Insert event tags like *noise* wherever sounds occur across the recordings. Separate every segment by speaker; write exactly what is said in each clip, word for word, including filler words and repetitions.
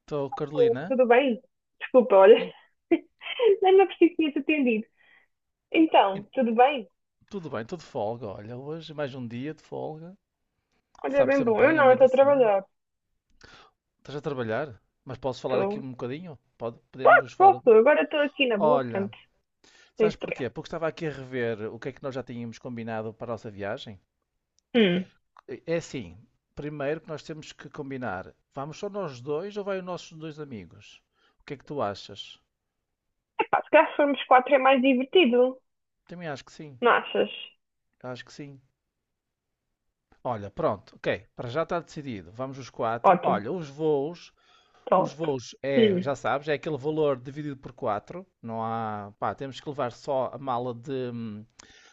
Speaker 1: Estou, Carolina.
Speaker 2: Tudo bem? Desculpa, olha,
Speaker 1: Em-
Speaker 2: *laughs* nem me apercebi que tinha-te atendido.
Speaker 1: em-
Speaker 2: Então, tudo bem?
Speaker 1: Tudo bem, estou de folga. Olha, hoje mais um dia de folga.
Speaker 2: Olha, é
Speaker 1: Sabe
Speaker 2: bem
Speaker 1: sempre
Speaker 2: bom. Eu
Speaker 1: bem, a
Speaker 2: não, eu
Speaker 1: meio da
Speaker 2: estou a
Speaker 1: semana.
Speaker 2: trabalhar.
Speaker 1: Estás a trabalhar? Mas posso falar
Speaker 2: Estou.
Speaker 1: aqui um bocadinho? Pode,
Speaker 2: Posso,
Speaker 1: podemos falar. um
Speaker 2: posso. Agora estou aqui na boa,
Speaker 1: Olha,
Speaker 2: portanto, sem
Speaker 1: sabes porquê?
Speaker 2: estresse.
Speaker 1: Porque estava aqui a rever o que é que nós já tínhamos combinado para a nossa viagem.
Speaker 2: Hum.
Speaker 1: É assim, primeiro que nós temos que combinar, vamos só nós dois ou vai os nossos dois amigos? O que é que tu achas?
Speaker 2: Epá, se calhar se formos quatro é mais divertido.
Speaker 1: Também acho que sim,
Speaker 2: Não achas?
Speaker 1: acho que sim. Olha, pronto, ok, para já está decidido, vamos os quatro.
Speaker 2: Ótimo.
Speaker 1: Olha, os voos os
Speaker 2: Top.
Speaker 1: voos é,
Speaker 2: Hum.
Speaker 1: já sabes, é aquele valor dividido por quatro. Não há, pá, temos que levar só a mala de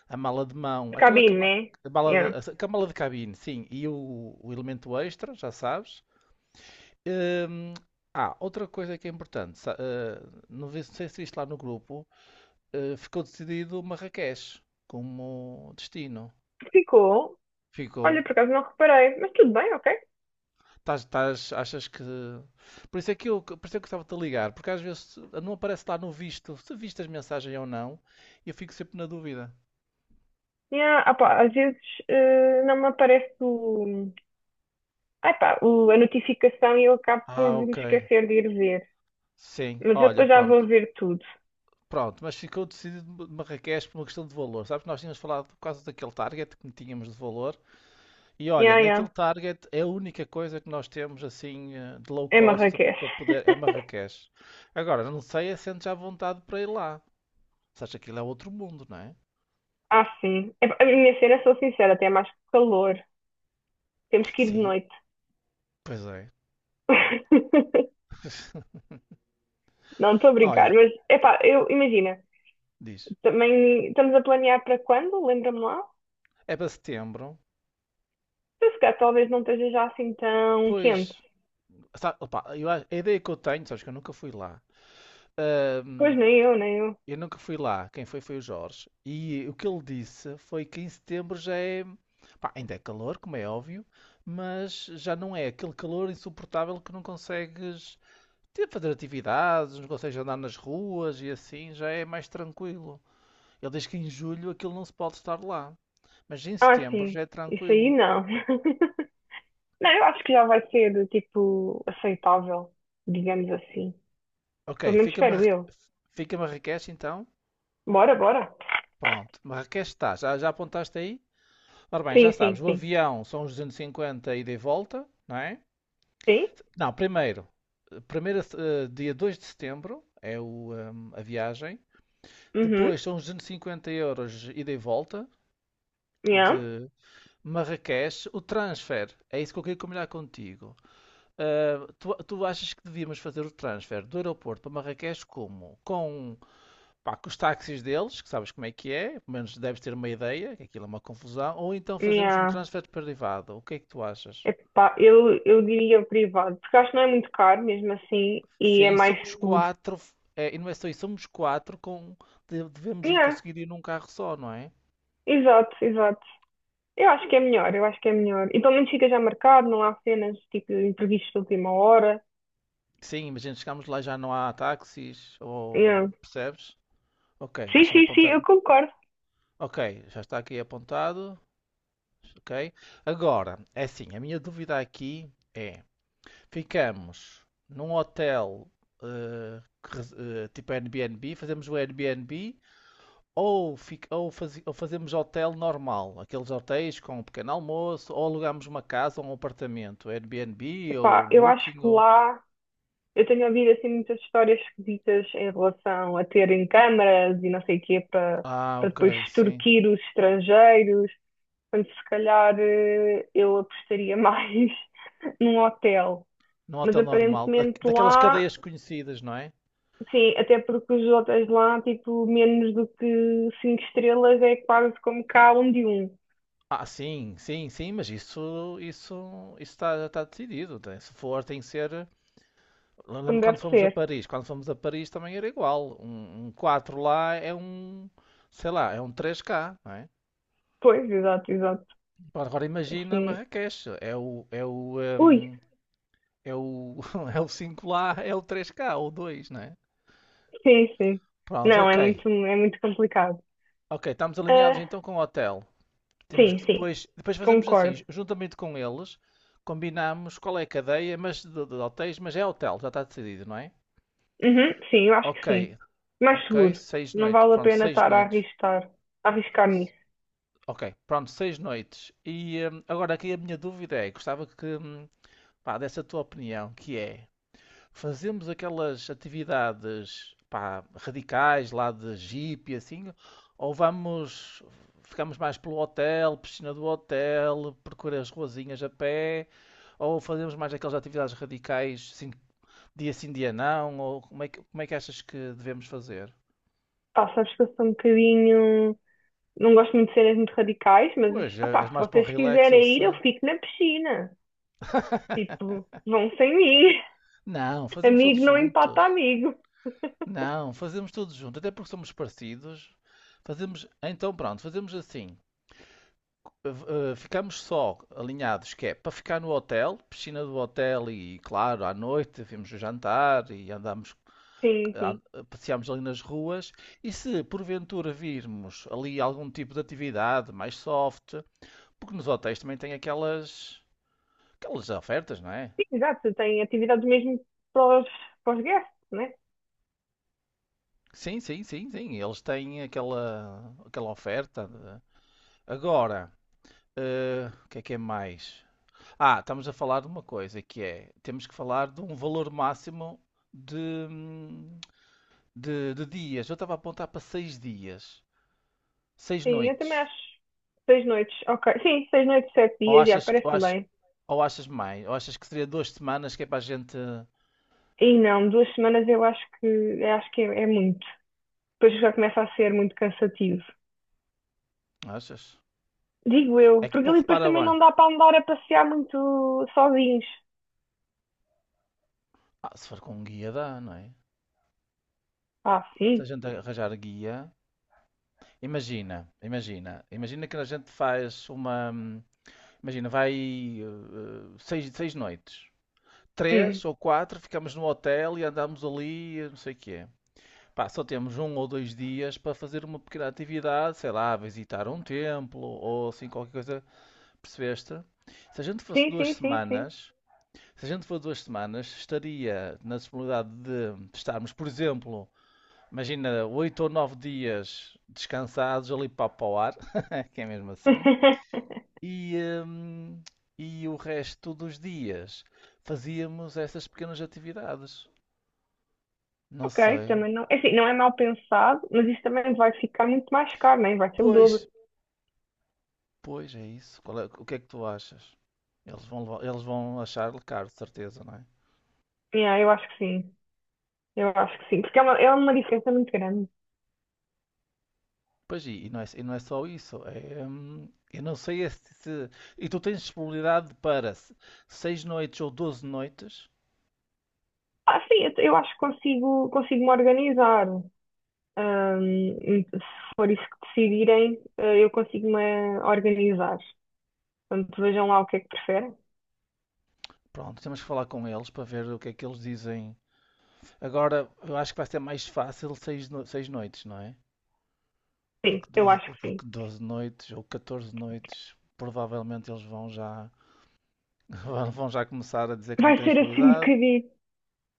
Speaker 1: a mala de mão,
Speaker 2: De
Speaker 1: aquela
Speaker 2: cabine,
Speaker 1: caba-
Speaker 2: né?
Speaker 1: a mala
Speaker 2: Yeah.
Speaker 1: de, a mala de cabine, sim, e o, o elemento extra, já sabes. Hum, ah, outra coisa que é importante, sa- eh, não vi- não sei se viste lá no grupo, eh, ficou decidido Marrakech como destino.
Speaker 2: Ficou.
Speaker 1: Ficou.
Speaker 2: Olha, por acaso não reparei. Mas tudo bem, ok?
Speaker 1: Tás, tás- achas que. Por isso é que eu, por isso é que eu estava-te a ligar, porque às vezes não aparece lá no visto se viste as mensagens ou não, e eu fico sempre na dúvida.
Speaker 2: Yeah. Ah, pá, às vezes eh, não me aparece o... Ah, pá, o- a notificação e eu acabo por
Speaker 1: Ah,
Speaker 2: me
Speaker 1: ok.
Speaker 2: esquecer de ir ver.
Speaker 1: Sim,
Speaker 2: Mas eu
Speaker 1: olha,
Speaker 2: depois já
Speaker 1: pronto.
Speaker 2: vou ver tudo.
Speaker 1: Pronto, mas ficou decidido de Marrakech por uma questão de valor. Sabes, nós tínhamos falado por causa daquele target que tínhamos de valor. E olha,
Speaker 2: Ya,
Speaker 1: naquele
Speaker 2: ya.
Speaker 1: target é a única coisa que nós temos assim, eh, de low
Speaker 2: É
Speaker 1: cost
Speaker 2: Marrakech.
Speaker 1: para poder. É
Speaker 2: *laughs*
Speaker 1: Marrakech. Agora, não sei é se sentes à vontade para ir lá. Sabes, aquilo é outro mundo, não é?
Speaker 2: Ah, sim. É, a minha cena, sou sincera, tem mais calor. Temos que ir de
Speaker 1: Sim,
Speaker 2: noite.
Speaker 1: pois é.
Speaker 2: *laughs*
Speaker 1: *laughs*
Speaker 2: Não estou a brincar,
Speaker 1: Olha,
Speaker 2: mas é pá, eu imagina,
Speaker 1: diz,
Speaker 2: também estamos a planear para quando? Lembra-me lá?
Speaker 1: é para setembro,
Speaker 2: Então, se calhar talvez não esteja já assim tão quente.
Speaker 1: pois, sabe, opa, eu acho- a ideia que eu tenho, sabes que eu nunca fui lá.
Speaker 2: Pois
Speaker 1: Ahm,
Speaker 2: nem eu, nem eu.
Speaker 1: eu nunca fui lá, quem foi foi o Jorge. E o que ele disse foi que em setembro já é, pá, ainda é calor, como é óbvio, mas já não é aquele calor insuportável que não consegues ter, fazer atividades, não consegues andar nas ruas e assim, já é mais tranquilo. Ele diz que em julho aquilo não se pode estar lá, mas em
Speaker 2: Ah,
Speaker 1: setembro
Speaker 2: sim,
Speaker 1: já é
Speaker 2: isso aí
Speaker 1: tranquilo.
Speaker 2: não. *laughs* Não, eu acho que já vai ser tipo aceitável, digamos assim.
Speaker 1: Ok,
Speaker 2: Pelo menos
Speaker 1: fica-me a,
Speaker 2: espero eu.
Speaker 1: fica-me a Marrakech então?
Speaker 2: Bora, bora.
Speaker 1: Pronto, Marrakech está, já, já apontaste aí? Ora bem, já
Speaker 2: Sim,
Speaker 1: sabes,
Speaker 2: sim,
Speaker 1: o
Speaker 2: sim.
Speaker 1: avião são os duzentos e cinquenta ida e volta, não é?
Speaker 2: Sim?
Speaker 1: Não, primeiro, primeiro eh, dia dois de setembro é o, ehm, a viagem,
Speaker 2: Uhum.
Speaker 1: depois são os duzentos e cinquenta euros ida e volta
Speaker 2: Yeah.
Speaker 1: de Marrakech, o transfer, é isso que eu queria combinar contigo. Ah, tu, tu achas que devíamos fazer o transfer do aeroporto para Marrakech como? Com. Pá, com os táxis deles, que sabes como é que é, pelo menos deves ter uma ideia, que aquilo é uma confusão, ou então fazemos um
Speaker 2: Yeah.
Speaker 1: transfer privado. O que é que tu achas?
Speaker 2: Epá, eu, eu diria privado, porque acho que não é muito caro mesmo assim e é
Speaker 1: Sim, e
Speaker 2: mais
Speaker 1: somos
Speaker 2: seguro.
Speaker 1: quatro, é, e não é só isso, somos quatro com. de- devemos ir
Speaker 2: Yeah.
Speaker 1: conseguir ir num carro só, não é?
Speaker 2: Exato, exato. Eu acho que é melhor, eu acho que é melhor. E pelo menos fica já marcado, não há cenas tipo imprevistos de última hora.
Speaker 1: Sim, imagina, chegamos lá e já não há táxis,
Speaker 2: Yeah.
Speaker 1: ou percebes? Ok,
Speaker 2: Sim,
Speaker 1: deixa-me
Speaker 2: sim, sim, eu
Speaker 1: apontar.
Speaker 2: concordo.
Speaker 1: Ok, já está aqui apontado. Ok. Agora, é assim, a minha dúvida aqui é, ficamos num hotel, eh, que res- eh, tipo Airbnb, fazemos o Airbnb ou, fic- ou fazi- ou fazemos hotel normal, aqueles hotéis com um pequeno almoço, ou alugamos uma casa ou um apartamento, Airbnb
Speaker 2: Epá,
Speaker 1: ou
Speaker 2: eu acho
Speaker 1: Booking
Speaker 2: que
Speaker 1: ou.
Speaker 2: lá eu tenho ouvido assim muitas histórias esquisitas em relação a terem câmaras e não sei o quê para
Speaker 1: Ah,
Speaker 2: para depois
Speaker 1: ok, sim.
Speaker 2: extorquir os estrangeiros. Portanto, se calhar eh, eu apostaria mais *laughs* num hotel.
Speaker 1: Num
Speaker 2: Mas
Speaker 1: hotel normal, da-
Speaker 2: aparentemente
Speaker 1: daquelas
Speaker 2: lá,
Speaker 1: cadeias conhecidas, não é?
Speaker 2: sim, até porque os hotéis lá, tipo, menos do que cinco estrelas é quase como cá um de um,
Speaker 1: Ah, sim, sim, sim, mas isso, isso, isso está, está decidido. tem- Se for, tem que ser. Lembro
Speaker 2: como
Speaker 1: quando
Speaker 2: deve
Speaker 1: fomos a
Speaker 2: ser.
Speaker 1: Paris. Quando fomos a Paris também era igual. Um, um quatro lá é um, sei lá, é um três k, não é?
Speaker 2: Pois, exato, exato.
Speaker 1: Pá, agora imagina
Speaker 2: Assim,
Speaker 1: Marrakech. É o, é o,
Speaker 2: ui,
Speaker 1: hum, é o, *laughs* É o cinco lá, é o três k ou dois, não é?
Speaker 2: sim, sim.
Speaker 1: Pronto,
Speaker 2: Não,
Speaker 1: ok.
Speaker 2: é muito, é muito complicado.
Speaker 1: Ok, estamos alinhados
Speaker 2: Ah,
Speaker 1: então com o hotel. Temos que
Speaker 2: sim, sim,
Speaker 1: depois, depois fazemos assim,
Speaker 2: concordo.
Speaker 1: ju- juntamente com eles, combinamos qual é a cadeia, mas de, de hotéis, mas é hotel, já está decidido, não é?
Speaker 2: Uhum, sim, eu acho que
Speaker 1: Ok,
Speaker 2: sim. Mais
Speaker 1: ok,
Speaker 2: seguro.
Speaker 1: seis
Speaker 2: Não
Speaker 1: noites.
Speaker 2: vale a
Speaker 1: Pronto,
Speaker 2: pena
Speaker 1: seis
Speaker 2: estar a
Speaker 1: noites.
Speaker 2: arriscar, a arriscar nisso.
Speaker 1: Ok, pronto, seis noites. E hum, agora aqui a minha dúvida é, gostava que, hum, pá, desse a tua opinião, que é, fazemos aquelas atividades, pá, radicais lá de jeep e assim, ou vamos, ficamos mais pelo hotel, piscina do hotel, percorrer as ruazinhas a pé, ou fazemos mais aquelas atividades radicais, assim, dia sim, dia não, ou como é que, como é que achas que devemos fazer?
Speaker 2: Pá, sabes que eu sou um bocadinho. Não gosto muito de cenas muito radicais, mas
Speaker 1: Pois, é-
Speaker 2: opá,
Speaker 1: és
Speaker 2: se
Speaker 1: mais para o
Speaker 2: vocês
Speaker 1: relax, eu
Speaker 2: quiserem ir, eu
Speaker 1: sei.
Speaker 2: fico na piscina. Tipo, vão sem mim.
Speaker 1: Não,
Speaker 2: *laughs*
Speaker 1: fazemos todos
Speaker 2: Amigo não empata
Speaker 1: juntos.
Speaker 2: amigo.
Speaker 1: Não, fazemos tudo junto, até porque somos parecidos. Fazemos, então pronto, fazemos assim. Eh, eh, ficamos só alinhados, que é para ficar no hotel, piscina do hotel e, claro, à noite vimos o jantar e andamos,
Speaker 2: Sim, sim.
Speaker 1: an- passeamos ali nas ruas. E se porventura virmos ali algum tipo de atividade mais soft, porque nos hotéis também tem aquelas, aquelas ofertas, não é?
Speaker 2: Sim, exato. Tem atividades mesmo para os, para os guests, né?
Speaker 1: Sim, sim, sim, sim, eles têm aquela, aquela oferta. de- Agora. Eh, o que é que é mais? Ah, estamos a falar de uma coisa que é, temos que falar de um valor máximo de, hum, de, de dias. Eu estava a apontar para seis dias, seis
Speaker 2: Sim, eu também
Speaker 1: noites.
Speaker 2: acho. Seis noites, ok. Sim, seis noites, sete
Speaker 1: Ou
Speaker 2: dias, já
Speaker 1: achas, que- ou
Speaker 2: parece-me
Speaker 1: achas,
Speaker 2: bem.
Speaker 1: ou achas mais? Ou achas que seria duas semanas que é para a gente.
Speaker 2: E não, duas semanas eu acho que, eu acho que é, é muito. Depois já começa a ser muito cansativo.
Speaker 1: Achas?
Speaker 2: Digo
Speaker 1: É
Speaker 2: eu,
Speaker 1: que,
Speaker 2: porque
Speaker 1: pô,
Speaker 2: ali depois
Speaker 1: repara
Speaker 2: também
Speaker 1: bem.
Speaker 2: não dá para andar a passear muito sozinhos.
Speaker 1: Ah, se for com um guia dá, não é?
Speaker 2: Ah,
Speaker 1: Se a
Speaker 2: sim.
Speaker 1: gente arranjar guia. Imagina, imagina, imagina que a gente faz uma. hum, Imagina, vai, eh, seis, seis noites.
Speaker 2: Hum.
Speaker 1: Três ou quatro, ficamos no hotel e andamos ali, não sei o que é. Pá, só temos um ou dois dias para fazer uma pequena atividade, sei lá, visitar um templo ou assim qualquer coisa, percebeste? Se a gente fosse
Speaker 2: Sim,
Speaker 1: duas
Speaker 2: sim, sim, sim.
Speaker 1: semanas, se a gente for duas semanas, estaria na disponibilidade de estarmos, por exemplo, imagina, oito ou nove dias descansados ali para, para o ar, *laughs* que é mesmo assim,
Speaker 2: *laughs*
Speaker 1: e, hum, e o resto dos dias fazíamos essas pequenas atividades. Não
Speaker 2: Ok,
Speaker 1: sei.
Speaker 2: também não é assim, não é mal pensado, mas isso também vai ficar muito mais caro, né? Vai ser o
Speaker 1: Pois,
Speaker 2: dobro.
Speaker 1: pois é isso. Qual é- o que é que tu achas? Eles vão, levar- eles vão achar-lhe caro, de certeza, não é?
Speaker 2: Yeah, eu acho que sim. Eu acho que sim. Porque é uma, é uma diferença muito grande.
Speaker 1: Pois e, e não é, e não é só isso. É, hum, eu não sei é se, se- E tu tens disponibilidade para se- seis noites ou doze noites.
Speaker 2: Ah, sim, eu, eu acho que consigo, consigo me organizar. Ahm, se for isso que decidirem, eh, eu consigo me organizar. Portanto, vejam lá o que é que preferem.
Speaker 1: Pronto, temos que falar com eles para ver o que é que eles dizem. Agora, eu acho que vai ser mais fácil seis, no- seis noites, não é?
Speaker 2: Sim,
Speaker 1: Porque
Speaker 2: eu
Speaker 1: doze
Speaker 2: acho que sim.
Speaker 1: porque doze noites ou catorze noites, provavelmente eles vão já, *laughs* vão já começar a dizer que não
Speaker 2: Vai
Speaker 1: têm
Speaker 2: ser assim um
Speaker 1: disponibilidade.
Speaker 2: bocadinho.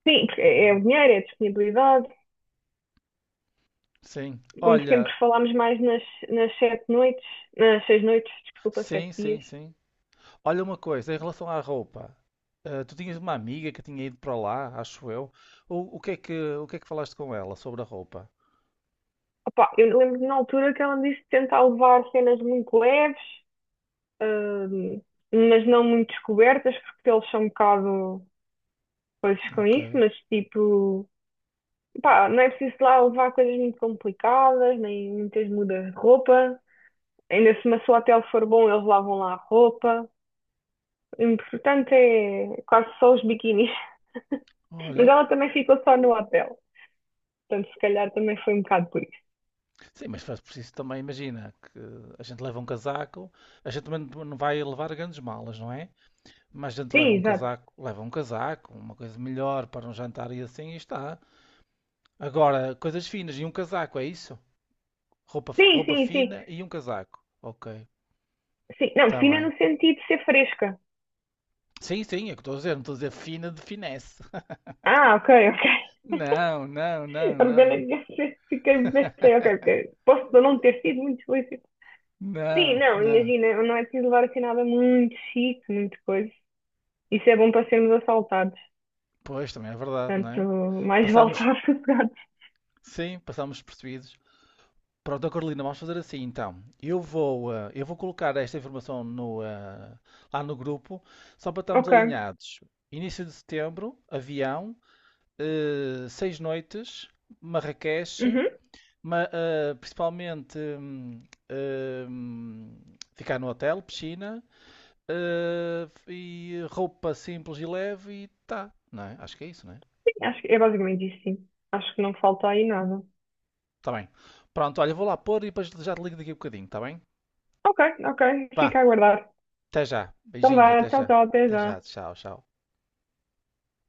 Speaker 2: Sim, porque é é o dinheiro, é a disponibilidade,
Speaker 1: Sim.
Speaker 2: como
Speaker 1: Olha,
Speaker 2: sempre falámos mais nas, nas sete noites, nas seis noites, desculpa, sete
Speaker 1: sim, sim,
Speaker 2: dias.
Speaker 1: sim. Olha uma coisa, em relação à roupa, eh, tu tinhas uma amiga que tinha ido para lá, acho eu. O, o que é que, o que é que falaste com ela sobre a roupa?
Speaker 2: Opa, eu lembro que na altura que ela me disse tentar levar cenas muito leves, hum, mas não muito descobertas, porque eles são um bocado coisas com
Speaker 1: Ok.
Speaker 2: isso, mas tipo, pá, não é preciso lá levar coisas muito complicadas, nem muitas mudas de roupa. Ainda se o seu hotel for bom, eles lavam lá a roupa. O importante é quase só os biquínis. *laughs* Mas
Speaker 1: Olha,
Speaker 2: ela também ficou só no hotel. Portanto, se calhar também foi um bocado por isso.
Speaker 1: sim, mas faz preciso também, imagina, que a gente leva um casaco, a gente também não não vai levar grandes malas, não é? Mas a gente
Speaker 2: Sim,
Speaker 1: leva um
Speaker 2: exato.
Speaker 1: casaco, leva um casaco, uma coisa melhor para um jantar e assim e está. Agora, coisas finas e um casaco, é isso? Roupa,
Speaker 2: Sim,
Speaker 1: roupa
Speaker 2: sim, sim.
Speaker 1: fina e um casaco. Ok,
Speaker 2: Sim, não,
Speaker 1: está
Speaker 2: fina
Speaker 1: bem.
Speaker 2: no sentido de ser fresca.
Speaker 1: Sim, sim, é o que estou a dizer, não estou a dizer fina de finesse. *laughs*
Speaker 2: Ah, ok, *laughs* ok.
Speaker 1: Não, não, não, não,
Speaker 2: Orgânica, fiquei, pensei, ok, ok. Posso não ter sido muito explícito. Sim,
Speaker 1: não,
Speaker 2: não,
Speaker 1: não.
Speaker 2: imagina, não é preciso levar assim nada muito chique, muito coisa. Isso é bom para sermos assaltados.
Speaker 1: Pois, também é verdade, não
Speaker 2: Portanto,
Speaker 1: é?
Speaker 2: mais vale
Speaker 1: Passámos,
Speaker 2: estar *laughs* sossegados.
Speaker 1: sim, passámos percebidos. Pronto, ó Carolina, vamos fazer assim então. Eu vou, eh, eu vou colocar esta informação no, eh, lá no grupo, só para estarmos
Speaker 2: Ok.
Speaker 1: alinhados. Início de setembro, avião, eh, seis noites, Marrakech,
Speaker 2: Uhum,
Speaker 1: ma- eh, principalmente, hum, hum, ficar no hotel, piscina, eh, e roupa simples e leve e tá, não é? Acho que é isso, não é?
Speaker 2: sim, acho que é basicamente isso, sim. Acho que não falta aí nada.
Speaker 1: Tá bem. Pronto, olha, vou lá pôr e depois já te ligo daqui a bocadinho, tá bem?
Speaker 2: Ok, ok. Fica
Speaker 1: Vá,
Speaker 2: a aguardar.
Speaker 1: até já.
Speaker 2: Então
Speaker 1: Beijinhos,
Speaker 2: vá,
Speaker 1: até
Speaker 2: tchau,
Speaker 1: já.
Speaker 2: tchau, até
Speaker 1: Até já,
Speaker 2: já.
Speaker 1: tchau, tchau.